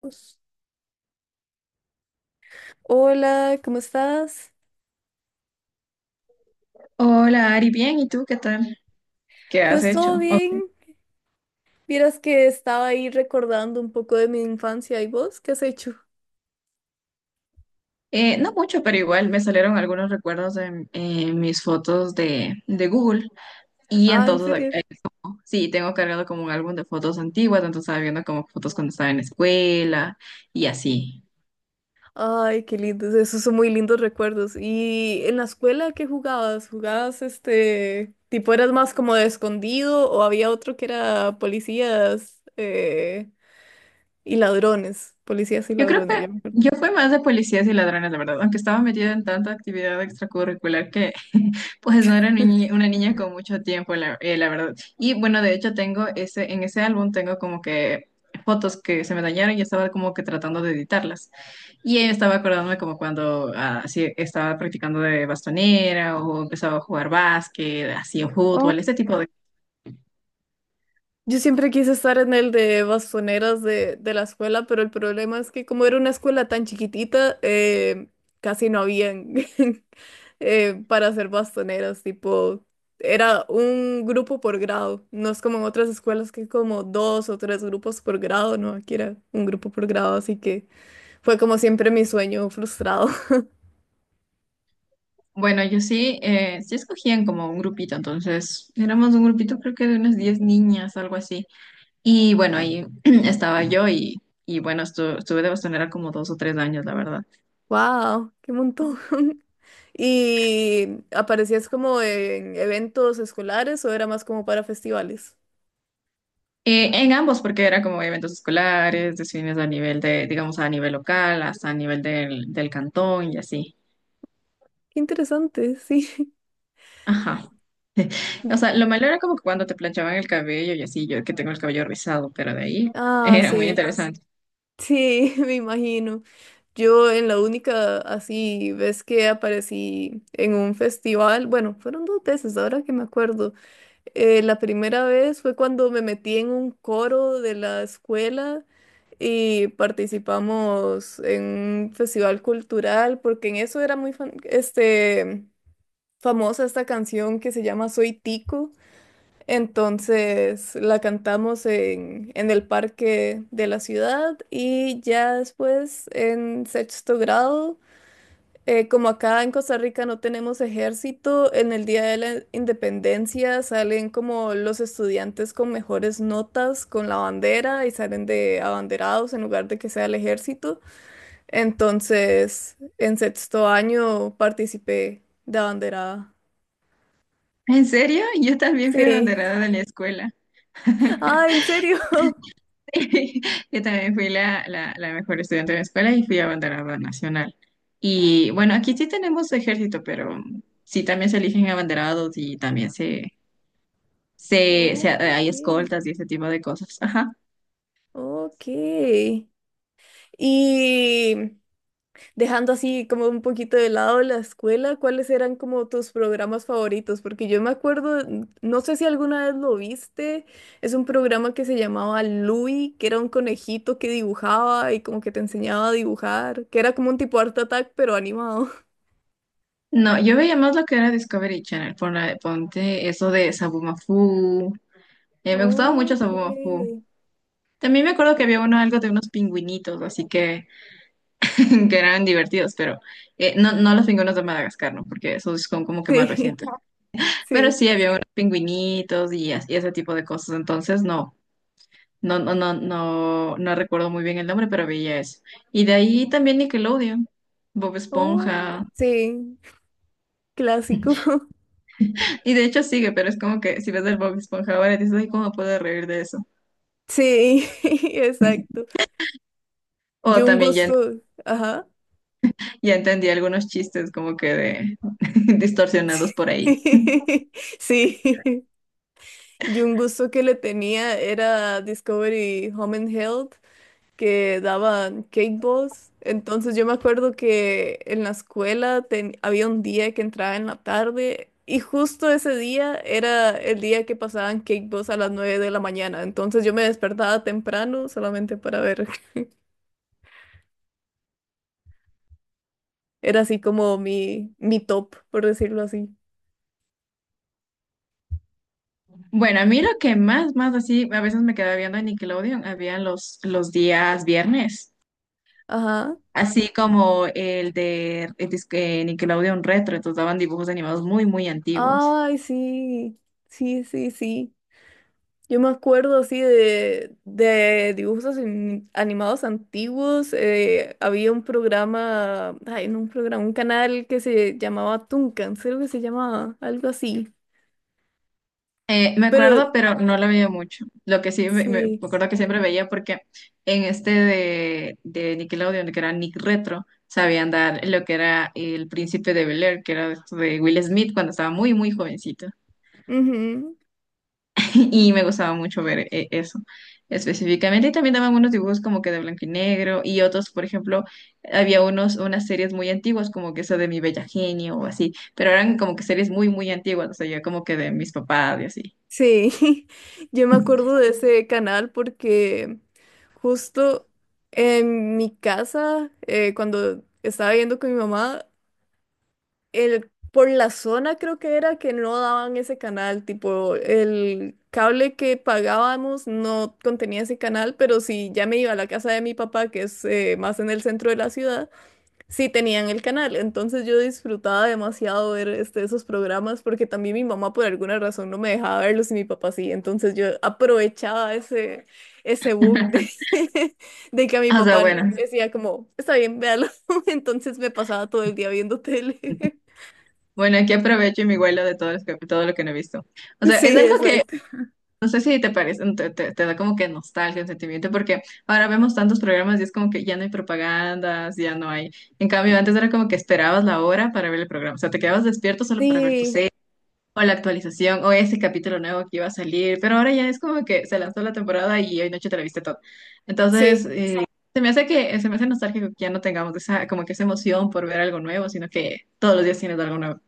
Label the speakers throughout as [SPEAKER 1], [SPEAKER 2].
[SPEAKER 1] Pues, hola, ¿cómo estás?
[SPEAKER 2] Hola Ari, bien, ¿y tú qué tal? ¿Qué has
[SPEAKER 1] Pues
[SPEAKER 2] hecho?
[SPEAKER 1] todo
[SPEAKER 2] Ok.
[SPEAKER 1] bien. Vieras que estaba ahí recordando un poco de mi infancia. ¿Y vos qué has hecho?
[SPEAKER 2] No mucho, pero igual me salieron algunos recuerdos en mis fotos de Google y
[SPEAKER 1] Ah, ¿en
[SPEAKER 2] entonces
[SPEAKER 1] serio?
[SPEAKER 2] sí, tengo cargado como un álbum de fotos antiguas, entonces estaba viendo como fotos cuando estaba en la escuela y así.
[SPEAKER 1] Ay, qué lindos. Esos son muy lindos recuerdos. ¿Y en la escuela qué jugabas? ¿Jugabas este tipo eras más como de escondido o había otro que era policías y ladrones? Policías y
[SPEAKER 2] Yo creo
[SPEAKER 1] ladrones,
[SPEAKER 2] que
[SPEAKER 1] ya me acuerdo.
[SPEAKER 2] yo fui más de policías y ladrones, la verdad, aunque estaba metida en tanta actividad extracurricular que pues no era una niña con mucho tiempo, la verdad. Y bueno, de hecho tengo en ese álbum tengo como que fotos que se me dañaron y estaba como que tratando de editarlas. Y estaba acordándome como cuando así estaba practicando de bastonera o empezaba a jugar básquet, así o fútbol, ese tipo de.
[SPEAKER 1] Yo siempre quise estar en el de bastoneras de la escuela, pero el problema es que como era una escuela tan chiquitita, casi no habían para hacer bastoneras, tipo, era un grupo por grado, no es como en otras escuelas que hay como dos o tres grupos por grado, no, aquí era un grupo por grado, así que fue como siempre mi sueño frustrado.
[SPEAKER 2] Bueno, yo sí, sí escogían como un grupito, entonces éramos un grupito creo que de unas 10 niñas, algo así. Y bueno, ahí estaba yo y bueno, estuve de bastonera como 2 o 3 años, la verdad.
[SPEAKER 1] ¡Wow! ¡Qué montón! ¿Y aparecías como en eventos escolares o era más como para festivales?
[SPEAKER 2] En ambos, porque era como eventos escolares, de cines a nivel de, digamos, a nivel local, hasta a nivel del cantón y así.
[SPEAKER 1] Qué interesante, sí.
[SPEAKER 2] Ajá. O sea, lo malo era como que cuando te planchaban el cabello y así, yo que tengo el cabello rizado, pero de ahí
[SPEAKER 1] Ah,
[SPEAKER 2] era muy
[SPEAKER 1] sí,
[SPEAKER 2] interesante.
[SPEAKER 1] sí, me imagino. Yo en la única así vez que aparecí en un festival, bueno, fueron dos veces, ahora que me acuerdo. La primera vez fue cuando me metí en un coro de la escuela y participamos en un festival cultural, porque en eso era muy famosa esta canción que se llama Soy Tico. Entonces la cantamos en el parque de la ciudad y ya después en sexto grado, como acá en Costa Rica no tenemos ejército, en el Día de la Independencia salen como los estudiantes con mejores notas con la bandera y salen de abanderados en lugar de que sea el ejército. Entonces en sexto año participé de abanderada.
[SPEAKER 2] ¿En serio? Yo también fui
[SPEAKER 1] Sí.
[SPEAKER 2] abanderada de la escuela.
[SPEAKER 1] Ah, ¿en serio?
[SPEAKER 2] Sí, yo también fui la mejor estudiante de la escuela y fui abanderada nacional. Y bueno, aquí sí tenemos ejército, pero sí también se eligen abanderados y también hay
[SPEAKER 1] Ok.
[SPEAKER 2] escoltas y ese tipo de cosas. Ajá.
[SPEAKER 1] Ok. Y dejando así como un poquito de lado la escuela, ¿cuáles eran como tus programas favoritos? Porque yo me acuerdo, no sé si alguna vez lo viste, es un programa que se llamaba Louie, que era un conejito que dibujaba y como que te enseñaba a dibujar, que era como un tipo Art Attack, pero animado.
[SPEAKER 2] No, yo veía más lo que era Discovery Channel, por la, ponte eso de Sabumafu. Me gustaba mucho
[SPEAKER 1] Ok.
[SPEAKER 2] Sabumafu. También me acuerdo que había uno, algo de unos pingüinitos, así que, que eran divertidos, pero no, no los pingüinos de Madagascar, ¿no? Porque esos son como que más
[SPEAKER 1] Sí,
[SPEAKER 2] recientes. Pero
[SPEAKER 1] sí.
[SPEAKER 2] sí, había unos pingüinitos y, y ese tipo de cosas, entonces no recuerdo muy bien el nombre, pero veía eso. Y de ahí también Nickelodeon, Bob
[SPEAKER 1] Oh,
[SPEAKER 2] Esponja.
[SPEAKER 1] sí, clásico.
[SPEAKER 2] Y de hecho sigue, pero es como que si ves el Bob Esponja ahora dices, ay, ¿cómo puedo reír de eso?
[SPEAKER 1] Sí, exacto.
[SPEAKER 2] O
[SPEAKER 1] Yo un
[SPEAKER 2] también ya,
[SPEAKER 1] gusto. Ajá.
[SPEAKER 2] ya entendí algunos chistes como que de distorsionados por ahí.
[SPEAKER 1] Sí, yo un gusto que le tenía era Discovery Home and Health, que daban cake boss. Entonces yo me acuerdo que en la escuela había un día que entraba en la tarde y justo ese día era el día que pasaban cake boss a las 9 de la mañana. Entonces yo me despertaba temprano solamente para ver. Era así como mi top, por decirlo así.
[SPEAKER 2] Bueno, a mí lo que más así, a veces me quedaba viendo en Nickelodeon, había los días viernes,
[SPEAKER 1] Ajá.
[SPEAKER 2] así como el de el disque Nickelodeon Retro, entonces daban dibujos animados muy antiguos.
[SPEAKER 1] Ay, sí. Sí, sí, sí. Yo me acuerdo así de dibujos animados antiguos. Había un programa, ay, no un programa, un canal que se llamaba Tunkan, creo que se llamaba, algo así.
[SPEAKER 2] Me
[SPEAKER 1] Pero
[SPEAKER 2] acuerdo, pero no la veía mucho. Lo que sí me
[SPEAKER 1] sí,
[SPEAKER 2] acuerdo que siempre veía porque en este de Nickelodeon, que era Nick Retro, sabían dar lo que era El Príncipe de Bel-Air, que era esto de Will Smith cuando estaba muy jovencito.
[SPEAKER 1] ujú,
[SPEAKER 2] Y me gustaba mucho ver eso específicamente. Y también daban unos dibujos como que de blanco y negro y otros, por ejemplo, había unas series muy antiguas como que esa de Mi Bella Genio o así, pero eran como que series muy antiguas, o sea, ya como que de mis papás y así.
[SPEAKER 1] sí, yo me acuerdo de ese canal porque justo en mi casa, cuando estaba viviendo con mi mamá, por la zona creo que era que no daban ese canal, tipo el cable que pagábamos no contenía ese canal, pero si ya me iba a la casa de mi papá, que es más en el centro de la ciudad, sí tenían el canal. Entonces yo disfrutaba demasiado ver esos programas porque también mi mamá por alguna razón no me dejaba verlos y mi papá sí. Entonces yo aprovechaba ese bug de que a mi
[SPEAKER 2] O sea,
[SPEAKER 1] papá
[SPEAKER 2] bueno.
[SPEAKER 1] decía como, está bien, véalo. Entonces me pasaba todo el día viendo tele.
[SPEAKER 2] Bueno, aquí aprovecho y me huelo de todo, todo lo que no he visto. O sea,
[SPEAKER 1] Sí,
[SPEAKER 2] es algo que
[SPEAKER 1] exacto.
[SPEAKER 2] no sé si te parece, te da como que nostalgia, un sentimiento, porque ahora vemos tantos programas y es como que ya no hay propagandas, ya no hay. En cambio, antes era como que esperabas la hora para ver el programa. O sea, te quedabas despierto solo para ver tu
[SPEAKER 1] Sí,
[SPEAKER 2] serie o la actualización o ese capítulo nuevo que iba a salir. Pero ahora ya es como que se lanzó la temporada y hoy noche te la viste todo. Entonces,
[SPEAKER 1] sí.
[SPEAKER 2] se me hace que se me hace nostálgico que ya no tengamos esa, como que esa emoción por ver algo nuevo, sino que todos los días tienes algo nuevo.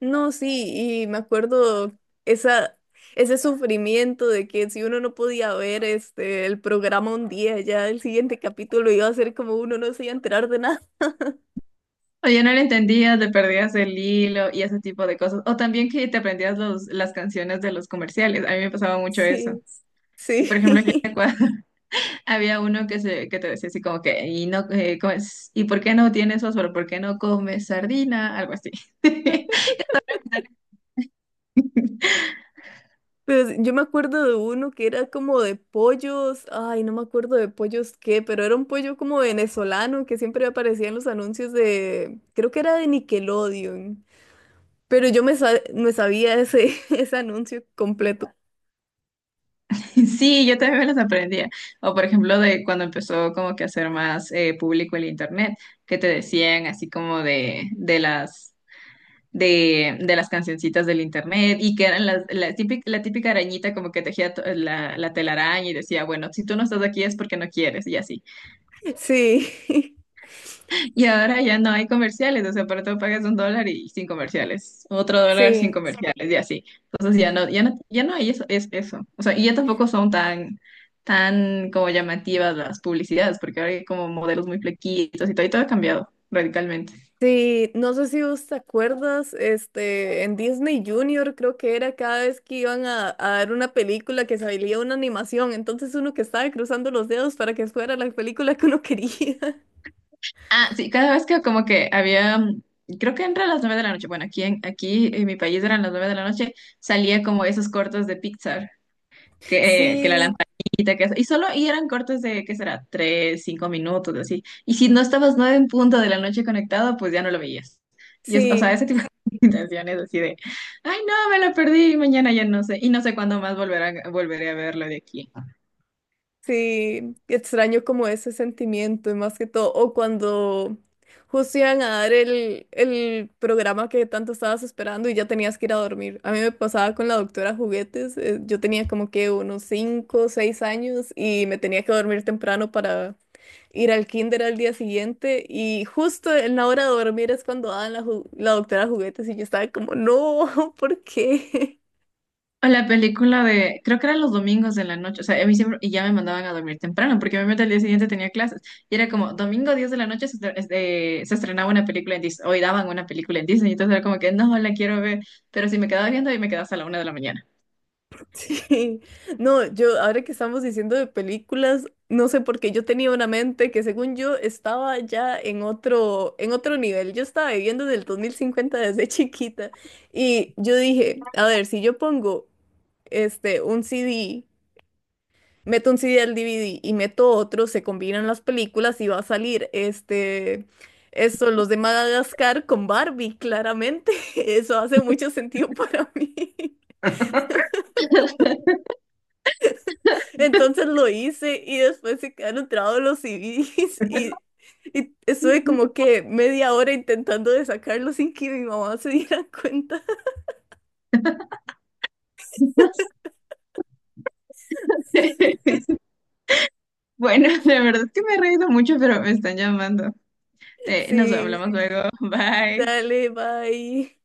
[SPEAKER 1] No, sí, y me acuerdo esa, ese sufrimiento de que si uno no podía ver el programa un día, ya el siguiente capítulo iba a ser como uno no se iba a enterar de nada.
[SPEAKER 2] O ya no lo entendías, le perdías el hilo y ese tipo de cosas. O también que te aprendías las canciones de los comerciales. A mí me pasaba mucho eso.
[SPEAKER 1] Sí, sí.
[SPEAKER 2] Por ejemplo, que había uno que te decía así como que, y, no, ¿cómo? ¿Y por qué no tienes fósforo? ¿Por qué no comes sardina? Algo así.
[SPEAKER 1] Pero yo me acuerdo de uno que era como de pollos, ay, no me acuerdo de pollos qué, pero era un pollo como venezolano que siempre aparecía en los anuncios de, creo que era de Nickelodeon. Pero yo me sabía ese anuncio completo.
[SPEAKER 2] Sí, yo también me las aprendía. O por ejemplo, de cuando empezó como que a ser más público el internet, que te decían así como de las, de las cancioncitas del internet y que eran la típica arañita como que tejía la telaraña y decía, bueno, si tú no estás aquí es porque no quieres y así.
[SPEAKER 1] Sí,
[SPEAKER 2] Y ahora ya no hay comerciales, o sea, para todo pagas $1 y sin comerciales, otro dólar sin
[SPEAKER 1] sí,
[SPEAKER 2] comerciales y así. Entonces ya no hay eso, es eso. O sea, y ya tampoco son tan como llamativas las publicidades, porque ahora hay como modelos muy flequitos y todo ha cambiado radicalmente.
[SPEAKER 1] sí. No sé si vos te acuerdas, en Disney Junior creo que era cada vez que iban a dar una película que salía una animación. Entonces uno que estaba cruzando los dedos para que fuera la película que uno quería.
[SPEAKER 2] Ah, sí, cada vez que como que había, creo que entre las 9 de la noche, bueno, aquí en mi país eran las 9 de la noche, salía como esos cortos de Pixar, que la
[SPEAKER 1] Sí,
[SPEAKER 2] lamparita, que eso, y solo, y eran cortos de, ¿qué será? 3, 5 minutos, así. Y si no estabas 9 en punto de la noche conectado, pues ya no lo veías. Y es, o sea,
[SPEAKER 1] sí.
[SPEAKER 2] ese tipo de intenciones así de, ay, no, me lo perdí, mañana ya no sé, y no sé cuándo más volveré a verlo de aquí.
[SPEAKER 1] Sí, extraño como ese sentimiento y más que todo, o cuando justo iban a dar el programa que tanto estabas esperando y ya tenías que ir a dormir. A mí me pasaba con la doctora Juguetes, yo tenía como que unos cinco o 6 años y me tenía que dormir temprano para ir al kinder al día siguiente y justo en la hora de dormir es cuando daban la doctora Juguetes y yo estaba como, no, ¿por qué?
[SPEAKER 2] A la película de, creo que eran los domingos de la noche, o sea, a mí siempre, y ya me mandaban a dormir temprano, porque obviamente al día siguiente tenía clases, y era como, domingo 10 de la noche se estrenaba una película en Disney, hoy daban una película en Disney, entonces era como que, no, la quiero ver, pero si me quedaba viendo, ahí me quedaba hasta la 1 de la mañana.
[SPEAKER 1] Sí, no, yo ahora que estamos diciendo de películas, no sé por qué yo tenía una mente que según yo estaba ya en otro nivel. Yo estaba viviendo desde el 2050 desde chiquita y yo dije, a ver, si yo pongo un CD, meto un CD al DVD y meto otro, se combinan las películas y va a salir esto, los de Madagascar con Barbie, claramente. Eso hace mucho sentido para mí. Entonces lo hice y después se quedaron trabados los CDs y estuve como que media hora intentando de sacarlo sin que mi mamá se diera cuenta.
[SPEAKER 2] Bueno, la verdad es que me he reído mucho, pero me están llamando. Nos
[SPEAKER 1] Sí,
[SPEAKER 2] hablamos luego, bye.
[SPEAKER 1] dale, bye.